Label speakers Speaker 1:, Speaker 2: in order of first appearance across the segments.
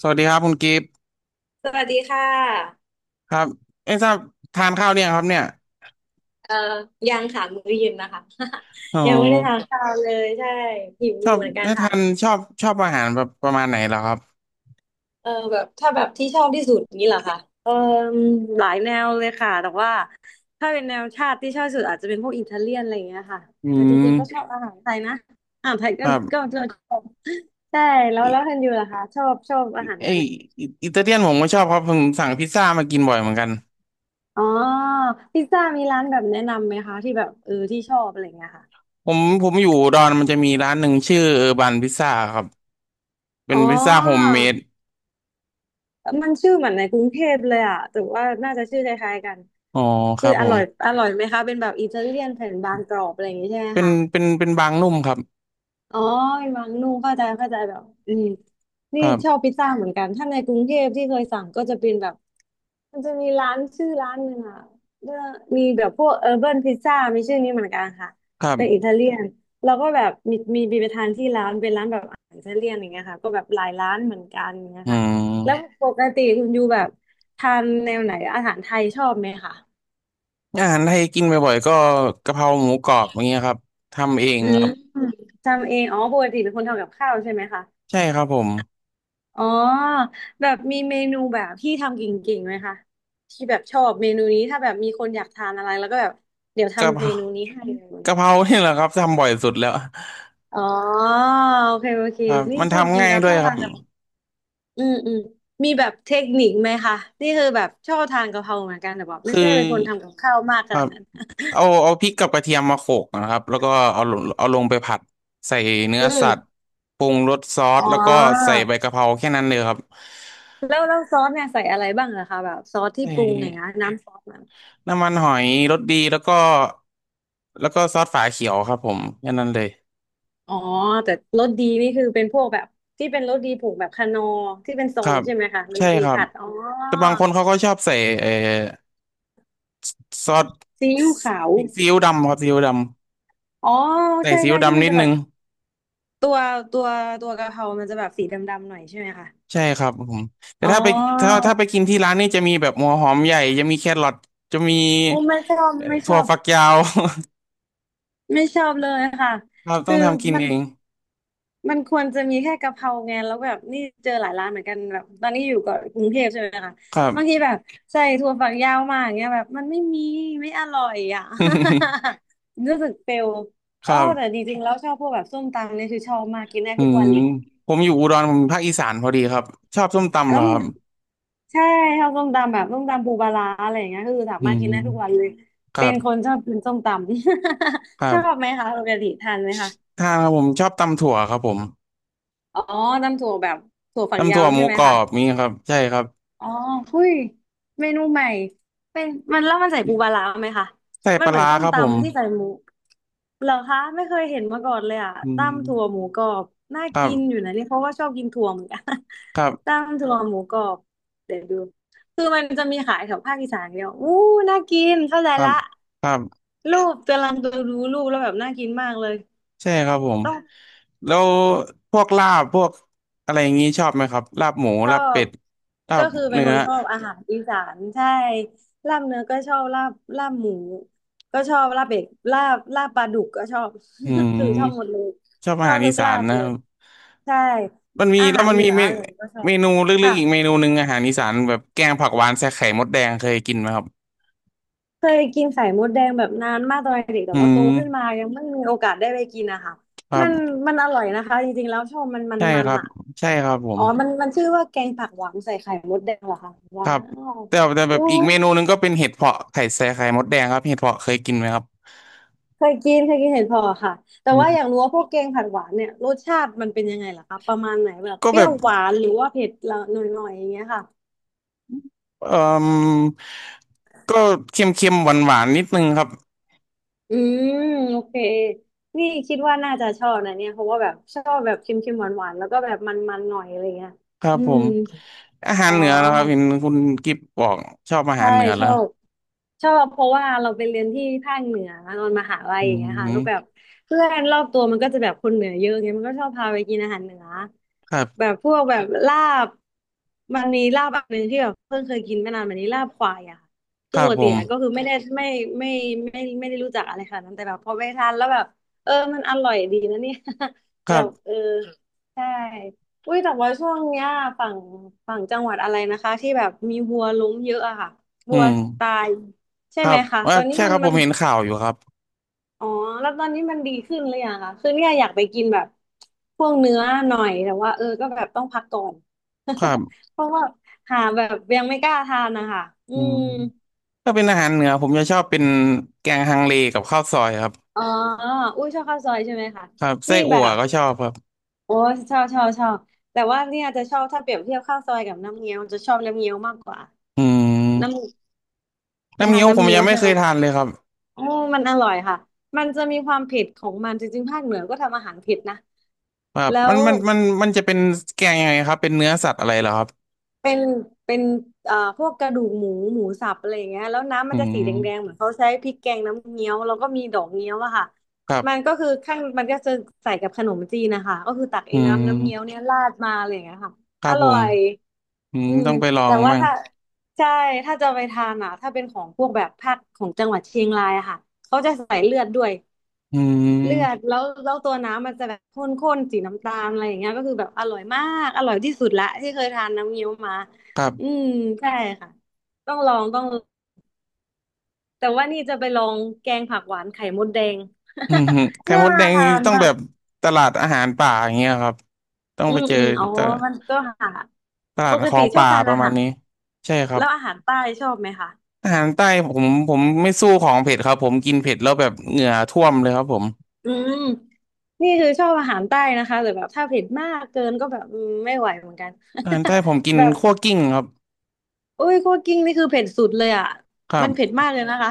Speaker 1: สวัสดีครับคุณกิฟต์
Speaker 2: สวัสดีค่ะ
Speaker 1: ครับเอ้ทราบทานข้าวเนี่ยงครับเนี่ย
Speaker 2: เอ่อยังค่ะมื้อเย็นนะคะ
Speaker 1: อ๋อ
Speaker 2: ยังไม่ได้ทานข้าวเลยใช่หิว
Speaker 1: ช
Speaker 2: อ
Speaker 1: อ
Speaker 2: ยู่
Speaker 1: บ
Speaker 2: เหมือนกัน
Speaker 1: ถ้า
Speaker 2: ค่ะ
Speaker 1: ทานชอบอาหารแบบประมาณไหนเหรอครับ
Speaker 2: เออแบบถ้าแบบที่ชอบที่สุดนี่เหรอคะเออหลายแนวเลยค่ะแต่ว่าถ้าเป็นแนวชาติที่ชอบที่สุดอาจจะเป็นพวกอิตาเลียนอะไรอย่างเงี้ยค่ะ
Speaker 1: อื
Speaker 2: แต่จริงๆก็ชอ
Speaker 1: ม
Speaker 2: บอาหารไทยนะอาหารไทย
Speaker 1: ค
Speaker 2: ก็
Speaker 1: รั
Speaker 2: ก็
Speaker 1: บ
Speaker 2: ก็ชอบใช่แล้ว
Speaker 1: ิ
Speaker 2: แล้วคุณอยู่ล่ะคะชอบอา
Speaker 1: อิ
Speaker 2: หาร
Speaker 1: ไอ
Speaker 2: แนวไหน
Speaker 1: อิอิตาเลียนผมก็ชอบครับผมสั่งพิซซ่ามากินบ่อยเหมือนกัน
Speaker 2: อ๋อพิซซ่ามีร้านแบบแนะนำไหมคะที่แบบเออที่ชอบอะไรอย่างเงี้ยค่ะ
Speaker 1: ผมอยู่อุดอนมันจะมีร้านหนึ่งชื่อเออร์บันพิซซ่าครับเป็
Speaker 2: อ๋
Speaker 1: น
Speaker 2: อ
Speaker 1: พิซซ่าโฮมเมด
Speaker 2: มันชื่อเหมือนในกรุงเทพเลยอ่ะแต่ว่าน่าจะชื่อคล้ายๆกัน
Speaker 1: อ๋อค
Speaker 2: คื
Speaker 1: รั
Speaker 2: อ
Speaker 1: บ
Speaker 2: อ
Speaker 1: ผ
Speaker 2: ร่
Speaker 1: ม
Speaker 2: อยอร่อยไหมคะ เป็นแบบอิตาเลียนแผ่นบางกรอบอะไรอย่างนี้ใช่ไหม
Speaker 1: เป็น
Speaker 2: คะ
Speaker 1: เป็นเป็นบางนุ่มครับ
Speaker 2: อ๋อมีมังนุ่งเข้าใจแบบอืม
Speaker 1: ค
Speaker 2: นี่
Speaker 1: รั
Speaker 2: ชอบ
Speaker 1: บ
Speaker 2: พิซซ่าเหมือนกันถ้าในกรุงเทพที่เคยสั่งก็จะเป็นแบบมันจะมีร้านชื่อร้านหนึ่งอ่ะเออมีแบบพวกเออร์เบิร์นพิซซ่ามีชื่อนี้เหมือนกันค่ะ
Speaker 1: ครั
Speaker 2: เป็นอิ
Speaker 1: บ
Speaker 2: ตาเลียนแล้วก็แบบมีไปทานที่ร้านเป็นร้านแบบอาหารอิตาเลียนอย่างเงี้ยค่ะก็แบบหลายร้านเหมือนกันอย่างเงี้ย
Speaker 1: อื
Speaker 2: ค่ะแล้ว
Speaker 1: ม
Speaker 2: ปกติคุณยูแบบทานแนวไหนอาหารไทยชอบไหมคะ
Speaker 1: อาหารไทยกินบ่อยๆก็กะเพราหมูกรอบอย่างเงี้ยครับทำเอง
Speaker 2: อื
Speaker 1: ค
Speaker 2: ม
Speaker 1: รับ
Speaker 2: ทำเองอ๋อปกติเป็นคนทำกับข้าวใช่ไหมคะ
Speaker 1: ใช่ครับผม
Speaker 2: อ๋อแบบมีเมนูแบบที่ทำเก่งๆไหมคะที่แบบชอบเมนูนี้ถ้าแบบมีคนอยากทานอะไรแล้วก็แบบเดี๋ยว
Speaker 1: กะเพ
Speaker 2: ทำเม
Speaker 1: รา
Speaker 2: นูนี้ให้เลย
Speaker 1: กะเพราเนี่ยแหละครับทำบ่อยสุดแล้ว
Speaker 2: อ๋อโอเค
Speaker 1: ครับ
Speaker 2: นี่
Speaker 1: มัน
Speaker 2: ชอบ
Speaker 1: ทำ
Speaker 2: กิน
Speaker 1: ง่าย
Speaker 2: แล้ว
Speaker 1: ด้ว
Speaker 2: ช
Speaker 1: ย
Speaker 2: อบ
Speaker 1: ครั
Speaker 2: ทาน
Speaker 1: บ
Speaker 2: กะเพราอืมอืมมีแบบเทคนิคไหมคะนี่คือแบบชอบทานกะเพราเหมือนกันแต่แบบไม่
Speaker 1: คือ
Speaker 2: ใช่เป็นคนทำกับข้าวมากข
Speaker 1: ครั
Speaker 2: นาด
Speaker 1: บ
Speaker 2: นั้น
Speaker 1: เอาพริกกับกระเทียมมาโขลกนะครับแล้วก็เอาลงไปผัดใส่เนื้อ
Speaker 2: อื
Speaker 1: สัตว์
Speaker 2: ม
Speaker 1: ปรุงรสซอส
Speaker 2: อ๋อ
Speaker 1: แล้วก็ใส่ใบกะเพราแค่นั้นเลยครับ
Speaker 2: แล้วซอสเนี่ยใส่อะไรบ้างเหรอคะแบบซอสที่
Speaker 1: ใส่
Speaker 2: ปรุงอย่างเงี้ยน้ำซอส
Speaker 1: น้ำมันหอยรสดีแล้วก็แล้วก็ซอสฝาเขียวครับผมแค่นั้นเลย
Speaker 2: อ๋อแต่รสดีนี่คือเป็นพวกแบบที่เป็นรสดีผูกแบบคานอร์ที่เป็นทร
Speaker 1: ครั
Speaker 2: ง
Speaker 1: บ
Speaker 2: ใช่ไหมคะร
Speaker 1: ใช่
Speaker 2: สดี
Speaker 1: ครับ
Speaker 2: ผัดอ๋อ
Speaker 1: แต่บางคนเขาก็ชอบใส่เอ่อซอส
Speaker 2: ซีอิ๊วขาว
Speaker 1: ซีอิ๊วดำครับซีอิ๊วดำ
Speaker 2: อ๋อ
Speaker 1: ใส่
Speaker 2: ใช่
Speaker 1: ซีอิ๊
Speaker 2: ใช่
Speaker 1: ว
Speaker 2: ที่
Speaker 1: ดำ
Speaker 2: มัน
Speaker 1: นิด
Speaker 2: จะแบ
Speaker 1: นึ
Speaker 2: บ
Speaker 1: ง
Speaker 2: ตัวตัวตัวกะเพรามันจะแบบสีดำๆหน่อยใช่ไหมคะ
Speaker 1: ใช่ครับผมแต่
Speaker 2: อ๋
Speaker 1: ถ้าไปถ้า
Speaker 2: อ
Speaker 1: ถ้าไปกินที่ร้านนี่จะมีแบบหัวหอมใหญ่จะมีแครอทจะมี
Speaker 2: โอ้ไม่ชอบไม่ช
Speaker 1: ถั่ว
Speaker 2: อบ
Speaker 1: ฝักยาว
Speaker 2: ไม่ชอบเลยค่ะ
Speaker 1: ครับต้อ
Speaker 2: คือ
Speaker 1: งทำกิน
Speaker 2: มัน
Speaker 1: เอง
Speaker 2: มันควรจะมีแค่กะเพราไงแล้วแบบนี่เจอหลายร้านเหมือนกันแบบตอนนี้อยู่กับกรุงเทพใช่ไหมคะ
Speaker 1: ครับ
Speaker 2: บางทีแบบใส่ถั่วฝักยาวมาอย่างเงี้ยแบบมันไม่มีไม่อร่อยอ่ะ รู้สึกเฟล
Speaker 1: ค
Speaker 2: อ๋อ
Speaker 1: รับ
Speaker 2: แต่จริงๆแล้วชอบพวกแบบส้มตำเนี่ยคือชอบมากกินได้
Speaker 1: อื
Speaker 2: ทุกวั
Speaker 1: ม
Speaker 2: นเลย
Speaker 1: ผมอยู่อุดรผมภาคอีสานพอดีครับชอบส้มตำเหร
Speaker 2: แล้
Speaker 1: อ
Speaker 2: ว
Speaker 1: ครับ
Speaker 2: ใช่ชอบส้มตำแบบส้มตำปูปลาร้าอะไรอย่างเงี้ยคือสา
Speaker 1: อื
Speaker 2: มารถกินได้ทุกวัน
Speaker 1: ม
Speaker 2: เลย
Speaker 1: ครั
Speaker 2: เป็นคน
Speaker 1: บ
Speaker 2: ชอบกินส้มตำ
Speaker 1: ครั
Speaker 2: ชอบ
Speaker 1: บ
Speaker 2: ไหมคะปกติทานไหมคะ
Speaker 1: ถ้าครับผมชอบตำถั่วครับผม
Speaker 2: อ๋อตำถั่วแบบถั่วฝัก
Speaker 1: ตำ
Speaker 2: ยา
Speaker 1: ถั่ว
Speaker 2: ว
Speaker 1: ห
Speaker 2: ใช่
Speaker 1: มู
Speaker 2: ไหม
Speaker 1: กร
Speaker 2: คะ
Speaker 1: อบนี่ครับใช่ครับ
Speaker 2: อ๋อหุ้ยเมนูใหม่เป็นมันแล้วมันใส่ปูปลาร้าไหมคะ
Speaker 1: ใส่
Speaker 2: มั
Speaker 1: ป
Speaker 2: น
Speaker 1: ลา
Speaker 2: เหมือน
Speaker 1: ร้า
Speaker 2: ส้ม
Speaker 1: ครับผม
Speaker 2: ตำที่ใส่หมูเหรอคะไม่เคยเห็นมาก่อนเลยอ่ะ
Speaker 1: อื
Speaker 2: ตำถั่ว
Speaker 1: ม
Speaker 2: หมูกรอบน่า
Speaker 1: ครั
Speaker 2: กินอยู่
Speaker 1: บ
Speaker 2: นะนี่เพราะว่าชอบกินถั่วเหมือนกัน
Speaker 1: ครั บ
Speaker 2: ตำถั่วหมูกรอบเดี๋ยวดูคือมันจะมีขายแถวภาคอีสานเดียวอู้น่ากินเข้าใจ
Speaker 1: ครับ
Speaker 2: ละ
Speaker 1: ครับ
Speaker 2: รูปกำลังดูรูปแล้วแบบน่ากินมากเลย
Speaker 1: ใช่ครับผม
Speaker 2: ต้อง
Speaker 1: แล้วพวกลาบพวกอะไรอย่างงี้ชอบไหมครับลาบหมู
Speaker 2: ชอ
Speaker 1: ลาบเป็
Speaker 2: บ
Speaker 1: ดลา
Speaker 2: ก็
Speaker 1: บ
Speaker 2: คือเป็น
Speaker 1: เนื้
Speaker 2: ค
Speaker 1: อ
Speaker 2: นชอบอาหารอีสานใช่ลาบเนื้อก็ชอบลาบหมูก็ชอบลาบเป็ดลาบปลาดุกก็ชอบ
Speaker 1: อื
Speaker 2: คือชอบหมด
Speaker 1: ม
Speaker 2: เลย
Speaker 1: ชอบ
Speaker 2: ช
Speaker 1: อา
Speaker 2: อ
Speaker 1: หา
Speaker 2: บ
Speaker 1: ร
Speaker 2: ทุ
Speaker 1: อี
Speaker 2: ก
Speaker 1: สา
Speaker 2: ลา
Speaker 1: น
Speaker 2: บ
Speaker 1: นะ
Speaker 2: เล
Speaker 1: ครั
Speaker 2: ย
Speaker 1: บ
Speaker 2: ใช่
Speaker 1: มันมี
Speaker 2: อา
Speaker 1: แล้
Speaker 2: หา
Speaker 1: ว
Speaker 2: ร
Speaker 1: มัน
Speaker 2: เหนื
Speaker 1: มี
Speaker 2: ออะไรก็ชอ
Speaker 1: เม
Speaker 2: บ
Speaker 1: นูลึก
Speaker 2: ค่ะ
Speaker 1: ๆอีกเมนูหนึ่งอาหารอีสานแบบแกงผักหวานใส่ไข่มดแดงเคยกินไหมครับ
Speaker 2: เคยกินไข่มดแดงแบบนานมากตอนเด็กแต่
Speaker 1: อื
Speaker 2: ว่าโตขึ้น
Speaker 1: ม
Speaker 2: มายังไม่มีโอกาสได้ไปกินนะคะ
Speaker 1: ครั
Speaker 2: มั
Speaker 1: บ
Speaker 2: นมันอร่อยนะคะจริงๆแล้วชอบมันมัน
Speaker 1: ใช่
Speaker 2: มั
Speaker 1: ค
Speaker 2: น
Speaker 1: รับ
Speaker 2: อ่ะ
Speaker 1: ใช่ครับผ
Speaker 2: อ๋
Speaker 1: ม
Speaker 2: อมันชื่อว่าแกงผักหวานใส่ไข่มดแดงเหรอคะ
Speaker 1: ค
Speaker 2: ว้า
Speaker 1: รับ
Speaker 2: ว
Speaker 1: แต่แบ
Speaker 2: อู้
Speaker 1: บอีกเมนูหนึ่งก็เป็นเห็ดเผาะไข่ใส่ไข่มดแดงครับเห็ดเผาะเคยกินไหมครับ
Speaker 2: เคยกินเห็ดเผาะค่ะแต่
Speaker 1: อื
Speaker 2: ว่าอยาก
Speaker 1: ม
Speaker 2: รู้ว่าพวกแกงผัดหวานเนี่ยรสชาติมันเป็นยังไงล่ะคะประมาณไหนแบบ
Speaker 1: ก็
Speaker 2: เป
Speaker 1: แบ
Speaker 2: รี้ย
Speaker 1: บ
Speaker 2: วหวานหรือว่าเผ็ดละหน่อยๆอย่างเงี้ยค่ะ
Speaker 1: เอ่อก็เค็มๆหวานๆนิดนึงครับ
Speaker 2: อืมโอเคนี่คิดว่าน่าจะชอบนะเนี่ยเพราะว่าแบบชอบแบบเค็มๆหวานๆแล้วก็แบบมันๆหน่อยอะไรเงี้ย
Speaker 1: ครับ
Speaker 2: อื
Speaker 1: ผ
Speaker 2: ม
Speaker 1: มอาหา
Speaker 2: อ๋
Speaker 1: ร
Speaker 2: อ
Speaker 1: เหนือแล้วครับเห็นคุณกิฟบอกชอบอาหา
Speaker 2: ใช่
Speaker 1: รเหนือ
Speaker 2: ช
Speaker 1: แล้
Speaker 2: อ
Speaker 1: ว
Speaker 2: บ ชอบเพราะว่าเราไปเรียนที่ภาคเหนือตอนมหาลัย
Speaker 1: อื
Speaker 2: อย่างเงี้ยค่ะแล้วแบบ
Speaker 1: ม
Speaker 2: เพื่อนรอบตัวมันก็จะแบบคนเหนือเยอะเงยมันก็ชอบพาไปกินอาหารเหนือ
Speaker 1: ครั
Speaker 2: แบ
Speaker 1: บ
Speaker 2: บพวกแบบลาบมันมีลาบอันหนึ่งที่แบบเพิ่งเคยกินไม่นานมานี้ลาบควายอะค่ะ
Speaker 1: ค
Speaker 2: คือ
Speaker 1: รั
Speaker 2: ป
Speaker 1: บ
Speaker 2: ก
Speaker 1: ผ
Speaker 2: ติ
Speaker 1: ม
Speaker 2: อะก็คือไม่ได้ไม่ไม่ไม่ได้รู้จักอะไรค่ะนาดนั้นแต่แบบพอไปทานแล้วแบบเออมันอร่อยดีนะเนี่ย
Speaker 1: ค
Speaker 2: แบ
Speaker 1: รับ
Speaker 2: บเออใช่อุ้ยแต่ว่าช่วงเนี้ยฝั่งฝั่งจังหวัดอะไรนะคะที่แบบมีวัวล้มเยอะอะค่ะ
Speaker 1: อื
Speaker 2: วัว
Speaker 1: ม
Speaker 2: ตาย ใช่
Speaker 1: ค
Speaker 2: ไหม
Speaker 1: รับ
Speaker 2: คะ
Speaker 1: ว่า
Speaker 2: ตอนนี้
Speaker 1: ใช่
Speaker 2: มั
Speaker 1: ค
Speaker 2: น
Speaker 1: รับผ
Speaker 2: มัน
Speaker 1: มเห็นข่าวอยู่ครับ
Speaker 2: อ๋อแล้วตอนนี้มันดีขึ้นหรือยังคะคือเนี่ยอยากไปกินแบบพวกเนื้อหน่อย แต่ว่าก็แบบต้องพักก่อน
Speaker 1: ครับ
Speaker 2: เพราะว่าหาแบบยังไม่กล้าทานนะคะอื
Speaker 1: อืม
Speaker 2: ม
Speaker 1: ถ้าเป็นอาหารเหนือผมจะชอบเป็นแกงฮังเลกับข้าวซอยครับ
Speaker 2: อ๋ออุ้ยชอบข้าวซอยใช่ไหมคะ
Speaker 1: ครับไส้
Speaker 2: นี่แบ
Speaker 1: อั่ว
Speaker 2: บ
Speaker 1: ก็ชอบครับ
Speaker 2: โอ้ชอบชอบชอบแต่ว่าเนี่ยจะชอบถ้าเปรียบเทียบข้าวซอยกับน้ำเงี้ยวจะชอบน้ำเงี้ยวมากกว่า
Speaker 1: อื
Speaker 2: น้
Speaker 1: ม
Speaker 2: ำไป
Speaker 1: น้ำ
Speaker 2: ทา
Speaker 1: เงี้
Speaker 2: น
Speaker 1: ยวผ
Speaker 2: น้ำ
Speaker 1: ม
Speaker 2: เงี้ย
Speaker 1: ยั
Speaker 2: ว
Speaker 1: งไม่
Speaker 2: ใช่
Speaker 1: เค
Speaker 2: ไหม
Speaker 1: ยทานเลยครับ
Speaker 2: โอ้มันอร่อยค่ะ มันจะมีความเผ็ดของมัน จริงๆภาคเหนือก็ทำอาหารเผ็ดนะ
Speaker 1: ครับ
Speaker 2: แล้
Speaker 1: มั
Speaker 2: ว
Speaker 1: นมันมันมันจะเป็นแกงยังไงครับเป็นเนื้อสัตว์อะไรเหรอครับ
Speaker 2: เป็นเป็นพวกกระดูกหมูหมูสับอะไรอย่างเงี้ยแล้วน้ำ
Speaker 1: อื
Speaker 2: มันจะสีแดงๆ
Speaker 1: ม
Speaker 2: เหมือนเขาใช้พริกแกงน้ำเงี้ยวแล้วก็มีดอกเงี้ยวอะค่ะ
Speaker 1: ครั
Speaker 2: มัน
Speaker 1: บ
Speaker 2: ก็คือข้างมันก็จะใส่กับขนมจีนนะคะก็คือตัก
Speaker 1: อื
Speaker 2: ไอ้น้ำน้ำเงี้ยว
Speaker 1: ม
Speaker 2: เนี่ยราดมาอะไรอย่างเงี้ยค่ะ
Speaker 1: ครั
Speaker 2: อ
Speaker 1: บผ
Speaker 2: ร่อ
Speaker 1: ม
Speaker 2: ย
Speaker 1: อืม
Speaker 2: อืม
Speaker 1: ต้องไปลอ
Speaker 2: แต่
Speaker 1: ง
Speaker 2: ว่า
Speaker 1: มั่ง
Speaker 2: ถ้าใช่ถ้าจะไปทานอะถ้าเป็นของพวกแบบภาคของจังหวัดเชียงรายอะค่ะเขาจะใส่เลือดด้วย
Speaker 1: อื
Speaker 2: เลื
Speaker 1: ม
Speaker 2: อดแล้วตัวน้ำมันจะแบบข้นๆสีน้ำตาลอะไรอย่างเงี้ยก็คือแบบอร่อยมากอร่อยที่สุดละที่เคยทานน้ำเงี้ยวมา
Speaker 1: ครั
Speaker 2: อื
Speaker 1: บ
Speaker 2: มใช่ค่ะต้องลองต้องลองแต่ว่านี่จะไปลองแกงผักหวานไข่มดแดง
Speaker 1: อืมฮึ ไข่
Speaker 2: น่า
Speaker 1: มดแดงนี่
Speaker 2: ทาน
Speaker 1: ต้อง
Speaker 2: มา
Speaker 1: แบ
Speaker 2: ก
Speaker 1: บตลาดอาหารป่าอย่างเงี้ยครับต้อง
Speaker 2: อื
Speaker 1: ไป
Speaker 2: ม
Speaker 1: เจอ
Speaker 2: อืมอ๋อ
Speaker 1: ตลาด
Speaker 2: มันก็หา
Speaker 1: ตลา
Speaker 2: ป
Speaker 1: ด
Speaker 2: ก
Speaker 1: ขอ
Speaker 2: ติ
Speaker 1: ง
Speaker 2: ชอบ
Speaker 1: ป่า
Speaker 2: ทาน
Speaker 1: ป
Speaker 2: อา
Speaker 1: ระมาณ
Speaker 2: หาร
Speaker 1: นี้ ใช่ครับ
Speaker 2: แล้วอาหารใต้ชอบไหมคะ
Speaker 1: อาหารใต้ผมไม่สู้ของเผ็ดครับผมกินเผ็ดแล้วแบบเหงื่อท่วมเลยครับผม
Speaker 2: อืมนี่คือชอบอาหารใต้นะคะแต่แบบถ้าเผ็ดมากเกินก็แบบอืมไม่ไหวเหมือนกัน
Speaker 1: อาหารใต้ผมกิน
Speaker 2: แบบ
Speaker 1: คั่วกิ้งครับ
Speaker 2: โอ้ยคั่วกลิ้งนี่คือเผ็ดสุดเลยอ่ะ
Speaker 1: ครั
Speaker 2: มั
Speaker 1: บ
Speaker 2: นเผ็ดมากเลยนะคะ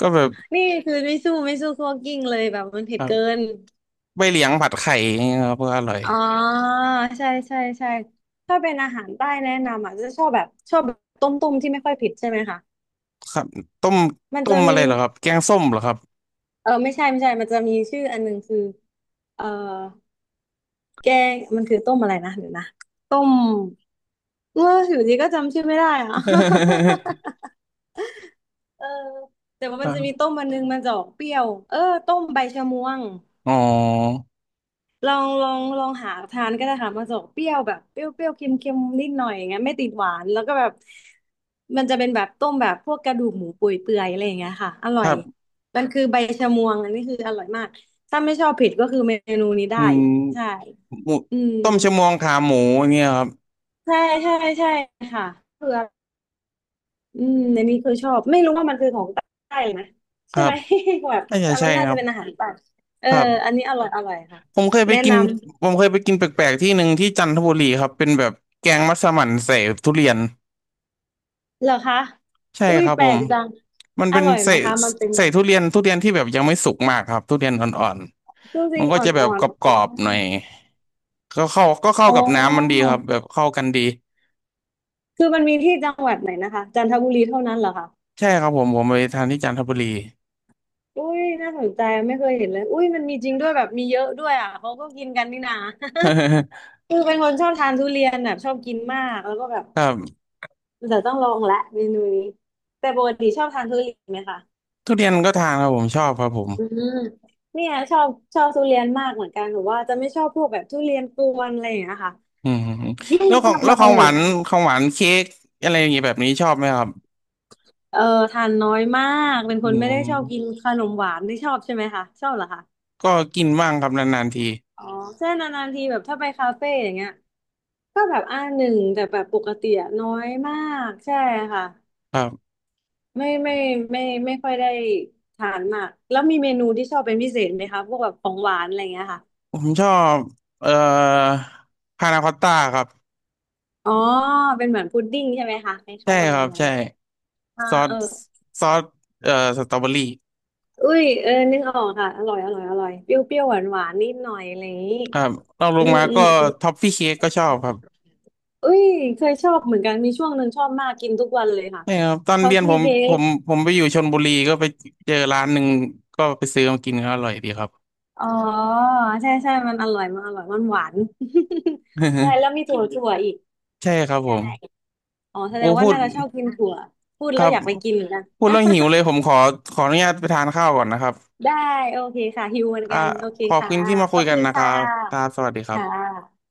Speaker 1: ก็แบบ
Speaker 2: นี่คือไม่สู้ไม่สู้คั่วกลิ้งเลยแบบมันเผ็
Speaker 1: ค
Speaker 2: ด
Speaker 1: รั
Speaker 2: เกิ
Speaker 1: บ
Speaker 2: น
Speaker 1: ใบเหลียงผัดไข่อย่างเงี้ยครับก็อร่อย
Speaker 2: อ๋อใช่ใช่ใช่ถ้าเป็นอาหารใต้แนะนำอ่ะจะชอบแบบชอบแบบต้มต้มที่ไม่ค่อยเผ็ดใช่ไหมคะ
Speaker 1: ครับต้ม
Speaker 2: มัน
Speaker 1: ต้
Speaker 2: จะ
Speaker 1: มอะ
Speaker 2: มี
Speaker 1: ไรเหรอครับแกงส้มเหรอครับ
Speaker 2: ไม่ใช่ไม่ใช่มันจะมีชื่ออันหนึงคือเออแกงมันคือต้มอะไรนะเดี๋ยวนะต้มอยู่ดีก็จำชื่อไม่ได้อ่ะ เออแต่ว่า
Speaker 1: ค
Speaker 2: มัน
Speaker 1: รั
Speaker 2: จะมี
Speaker 1: บ
Speaker 2: ต้มมันนึงมันจะออกเปรี้ยวเออต้มใบชะมวง
Speaker 1: อ๋อ
Speaker 2: ลองลองลองหาทานก็ได้ค่ะมันจะออกเปรี้ยวแบบเปรี้ยวเปรี้ยวเค็มเค็มนิดหน่อยอย่างเงี้ยไม่ติดหวานแล้วก็แบบมันจะเป็นแบบต้มแบบพวกกระดูกหมูเปื่อยเปื่อยอะไรอย่างเงี้ยค่ะอร่
Speaker 1: ค
Speaker 2: อ
Speaker 1: รั
Speaker 2: ย
Speaker 1: บ
Speaker 2: มันคือใบชะมวงอันนี้คืออร่อยมากถ้าไม่ชอบเผ็ดก็คือเมนูนี้
Speaker 1: อื
Speaker 2: ได้
Speaker 1: ม
Speaker 2: ใช่
Speaker 1: หมู
Speaker 2: อืม
Speaker 1: ต้มชะมวงขาหมูอย่างเงี้ยครับ
Speaker 2: ใช่ใช่ใช่ค่ะเผื่อ อืมในนี้เคยชอบไม่รู้ว่ามันคือของใต้หรนะ
Speaker 1: ค
Speaker 2: ใช่
Speaker 1: รั
Speaker 2: ไห
Speaker 1: บ
Speaker 2: ม แบบ
Speaker 1: น่าจะ
Speaker 2: แต่มั
Speaker 1: ใช่
Speaker 2: นน่า
Speaker 1: ค
Speaker 2: จะ
Speaker 1: รับ
Speaker 2: เป็นอาหารใต้เออ
Speaker 1: ครั
Speaker 2: อัน
Speaker 1: บ
Speaker 2: นี้อร่อยอร่อยค่ะ
Speaker 1: ผมเคยไป
Speaker 2: แนะ
Speaker 1: กิน
Speaker 2: นำ
Speaker 1: ผมเคยไปกินแปลกๆที่หนึ่งที่จันทบุรีครับเป็นแบบแกงมัสมั่นใส่ทุเรียน
Speaker 2: เหรอคะ
Speaker 1: ใช่
Speaker 2: อุ้ย
Speaker 1: ครับ
Speaker 2: แป
Speaker 1: ผ
Speaker 2: ล
Speaker 1: ม
Speaker 2: กจัง
Speaker 1: มัน
Speaker 2: อ
Speaker 1: เป็น
Speaker 2: ร่อยไห
Speaker 1: ใส่
Speaker 2: มคะมันเป็น
Speaker 1: ใส่
Speaker 2: ยัง
Speaker 1: ทุเรี
Speaker 2: ไง
Speaker 1: ยนทุเรียนที่แบบยังไม่สุกมากครับทุเรียนอ่อน
Speaker 2: จ
Speaker 1: ๆมั
Speaker 2: ริง
Speaker 1: นก็
Speaker 2: ๆอ
Speaker 1: จะแบบ
Speaker 2: ่อน
Speaker 1: กรอบๆหน่อ
Speaker 2: ๆ
Speaker 1: ยก็เข้า
Speaker 2: อ๋อ
Speaker 1: กับ
Speaker 2: อ๋
Speaker 1: น้ำมันดี
Speaker 2: อ
Speaker 1: ครับแบบเข้ากันดี
Speaker 2: คือมันมีที่จังหวัดไหนนะคะจันทบุรีเท่านั้นเหรอคะ
Speaker 1: ใช่ครับผมผมไปทานที่จันทบุรี
Speaker 2: อุ้ยน่าสนใจไม่เคยเห็นเลยอุ้ยมันมีจริงด้วยแบบมีเยอะด้วยอ่ะเขาก็กินกันนี่นา คือเป็นคนชอบทานทุเรียนแบบชอบกินมากแล้วก็แบบ
Speaker 1: ครับ
Speaker 2: เดี๋ยวต้องลองละเมนูนี้แต่ปกติชอบทานทุเรียนไหมคะ
Speaker 1: ทุเรียนก็ทานครับผมชอบครับผม
Speaker 2: อืมเนี่ยชอบชอบทุเรียนมากเหมือนกันหรือว่าจะไม่ชอบพวกแบบทุเรียนกวนอะไรอย่างเงี้ยค่ะ
Speaker 1: อืมอืมอืม
Speaker 2: ไม่
Speaker 1: แล้ว
Speaker 2: รู้
Speaker 1: ของ
Speaker 2: ทำ
Speaker 1: แล้
Speaker 2: ไม
Speaker 1: วของห
Speaker 2: เหมื
Speaker 1: วา
Speaker 2: อน
Speaker 1: น
Speaker 2: กัน
Speaker 1: ของหวานเค้กอะไรอย่างเงี้ยแบบนี้ชอบไหมครับ
Speaker 2: เออทานน้อยมากเป็นค
Speaker 1: อื
Speaker 2: นไม่ได้ชอบกิน
Speaker 1: ม
Speaker 2: ขนมหวานไม่ชอบใช่ไหมคะชอบเหรอคะ
Speaker 1: ก็กินบ้างครับนานๆที
Speaker 2: อ๋อเช่นนานๆทีแบบถ้าไปคาเฟ่อย่างเงี้ยก็แบบอ่าหนึ่งแต่แบบปกติอะน้อยมากใช่ค่ะ
Speaker 1: ครับ
Speaker 2: ไม่ไม่ไม่ค่อยได้ทานมากแล้วมีเมนูที่ชอบเป็นพิเศษไหมคะพวกแบบของหวานอะไรอย่างเงี้ยค่ะ
Speaker 1: ผมชอบเอ่อพานาคอตต้าครับ
Speaker 2: อ๋อเป็นเหมือนพุดดิ้งใช่ไหมคะค
Speaker 1: ใช่
Speaker 2: ล้ายๆประ
Speaker 1: ครั
Speaker 2: มาณ
Speaker 1: บ
Speaker 2: นั้น
Speaker 1: ใช่
Speaker 2: อ่า
Speaker 1: ซอส
Speaker 2: เออ
Speaker 1: ซอสเอ่อสตรอเบอรี่
Speaker 2: อุ้ยเออนึกออกค่ะอร่อยอร่อยอร่อยเปรี้ยวเปรี้ยวหวานหวานนิดหน่อยอะไรอย่างนี้
Speaker 1: ครับรองล
Speaker 2: อื
Speaker 1: ง
Speaker 2: ม
Speaker 1: มา
Speaker 2: อื
Speaker 1: ก็
Speaker 2: มอืม
Speaker 1: ท็อฟฟี่เค้กก็ชอบครับ
Speaker 2: อุ้ยเคยชอบเหมือนกันมีช่วงหนึ่งชอบมากกินทุกวันเลยค่ะ
Speaker 1: นี่ครับตอน
Speaker 2: ชอ
Speaker 1: เรี
Speaker 2: บ
Speaker 1: ยน
Speaker 2: ซื้
Speaker 1: ผ
Speaker 2: อ
Speaker 1: ม
Speaker 2: เค้
Speaker 1: ผ
Speaker 2: ก
Speaker 1: มผมไปอยู่ชลบุรีก็ไปเจอร้านหนึ่งก็ไปซื้อมากินก็อร่อยดีครับ
Speaker 2: อ๋อใช่ใช่มันอร่อยมันอร่อยมันหวาน ใช่ แล้วมีถั่วถั่วอีก
Speaker 1: ใช่ครับผ
Speaker 2: ใช่
Speaker 1: ม
Speaker 2: อ๋อแส
Speaker 1: โอ้
Speaker 2: ดงว่า
Speaker 1: พูด
Speaker 2: น่าจะชอบกินถั่วพูด
Speaker 1: ค
Speaker 2: แล้
Speaker 1: รั
Speaker 2: ว
Speaker 1: บ
Speaker 2: อยากไปกินเหมือนกัน
Speaker 1: พูดแล้วหิวเลยผมขอขออนุญาตไปทานข้าวก่อนนะครับ
Speaker 2: ได้โอเคค่ะหิวเหมือน
Speaker 1: อ่า
Speaker 2: กันโอเค
Speaker 1: ขอบ
Speaker 2: ค่ะ
Speaker 1: คุณที่มา
Speaker 2: ข
Speaker 1: คุ
Speaker 2: อ
Speaker 1: ย
Speaker 2: บ
Speaker 1: กั
Speaker 2: คุ
Speaker 1: น
Speaker 2: ณ
Speaker 1: นะค
Speaker 2: ค่
Speaker 1: รับครั
Speaker 2: ะ
Speaker 1: บสวัสดีครั
Speaker 2: ค่
Speaker 1: บ
Speaker 2: ะ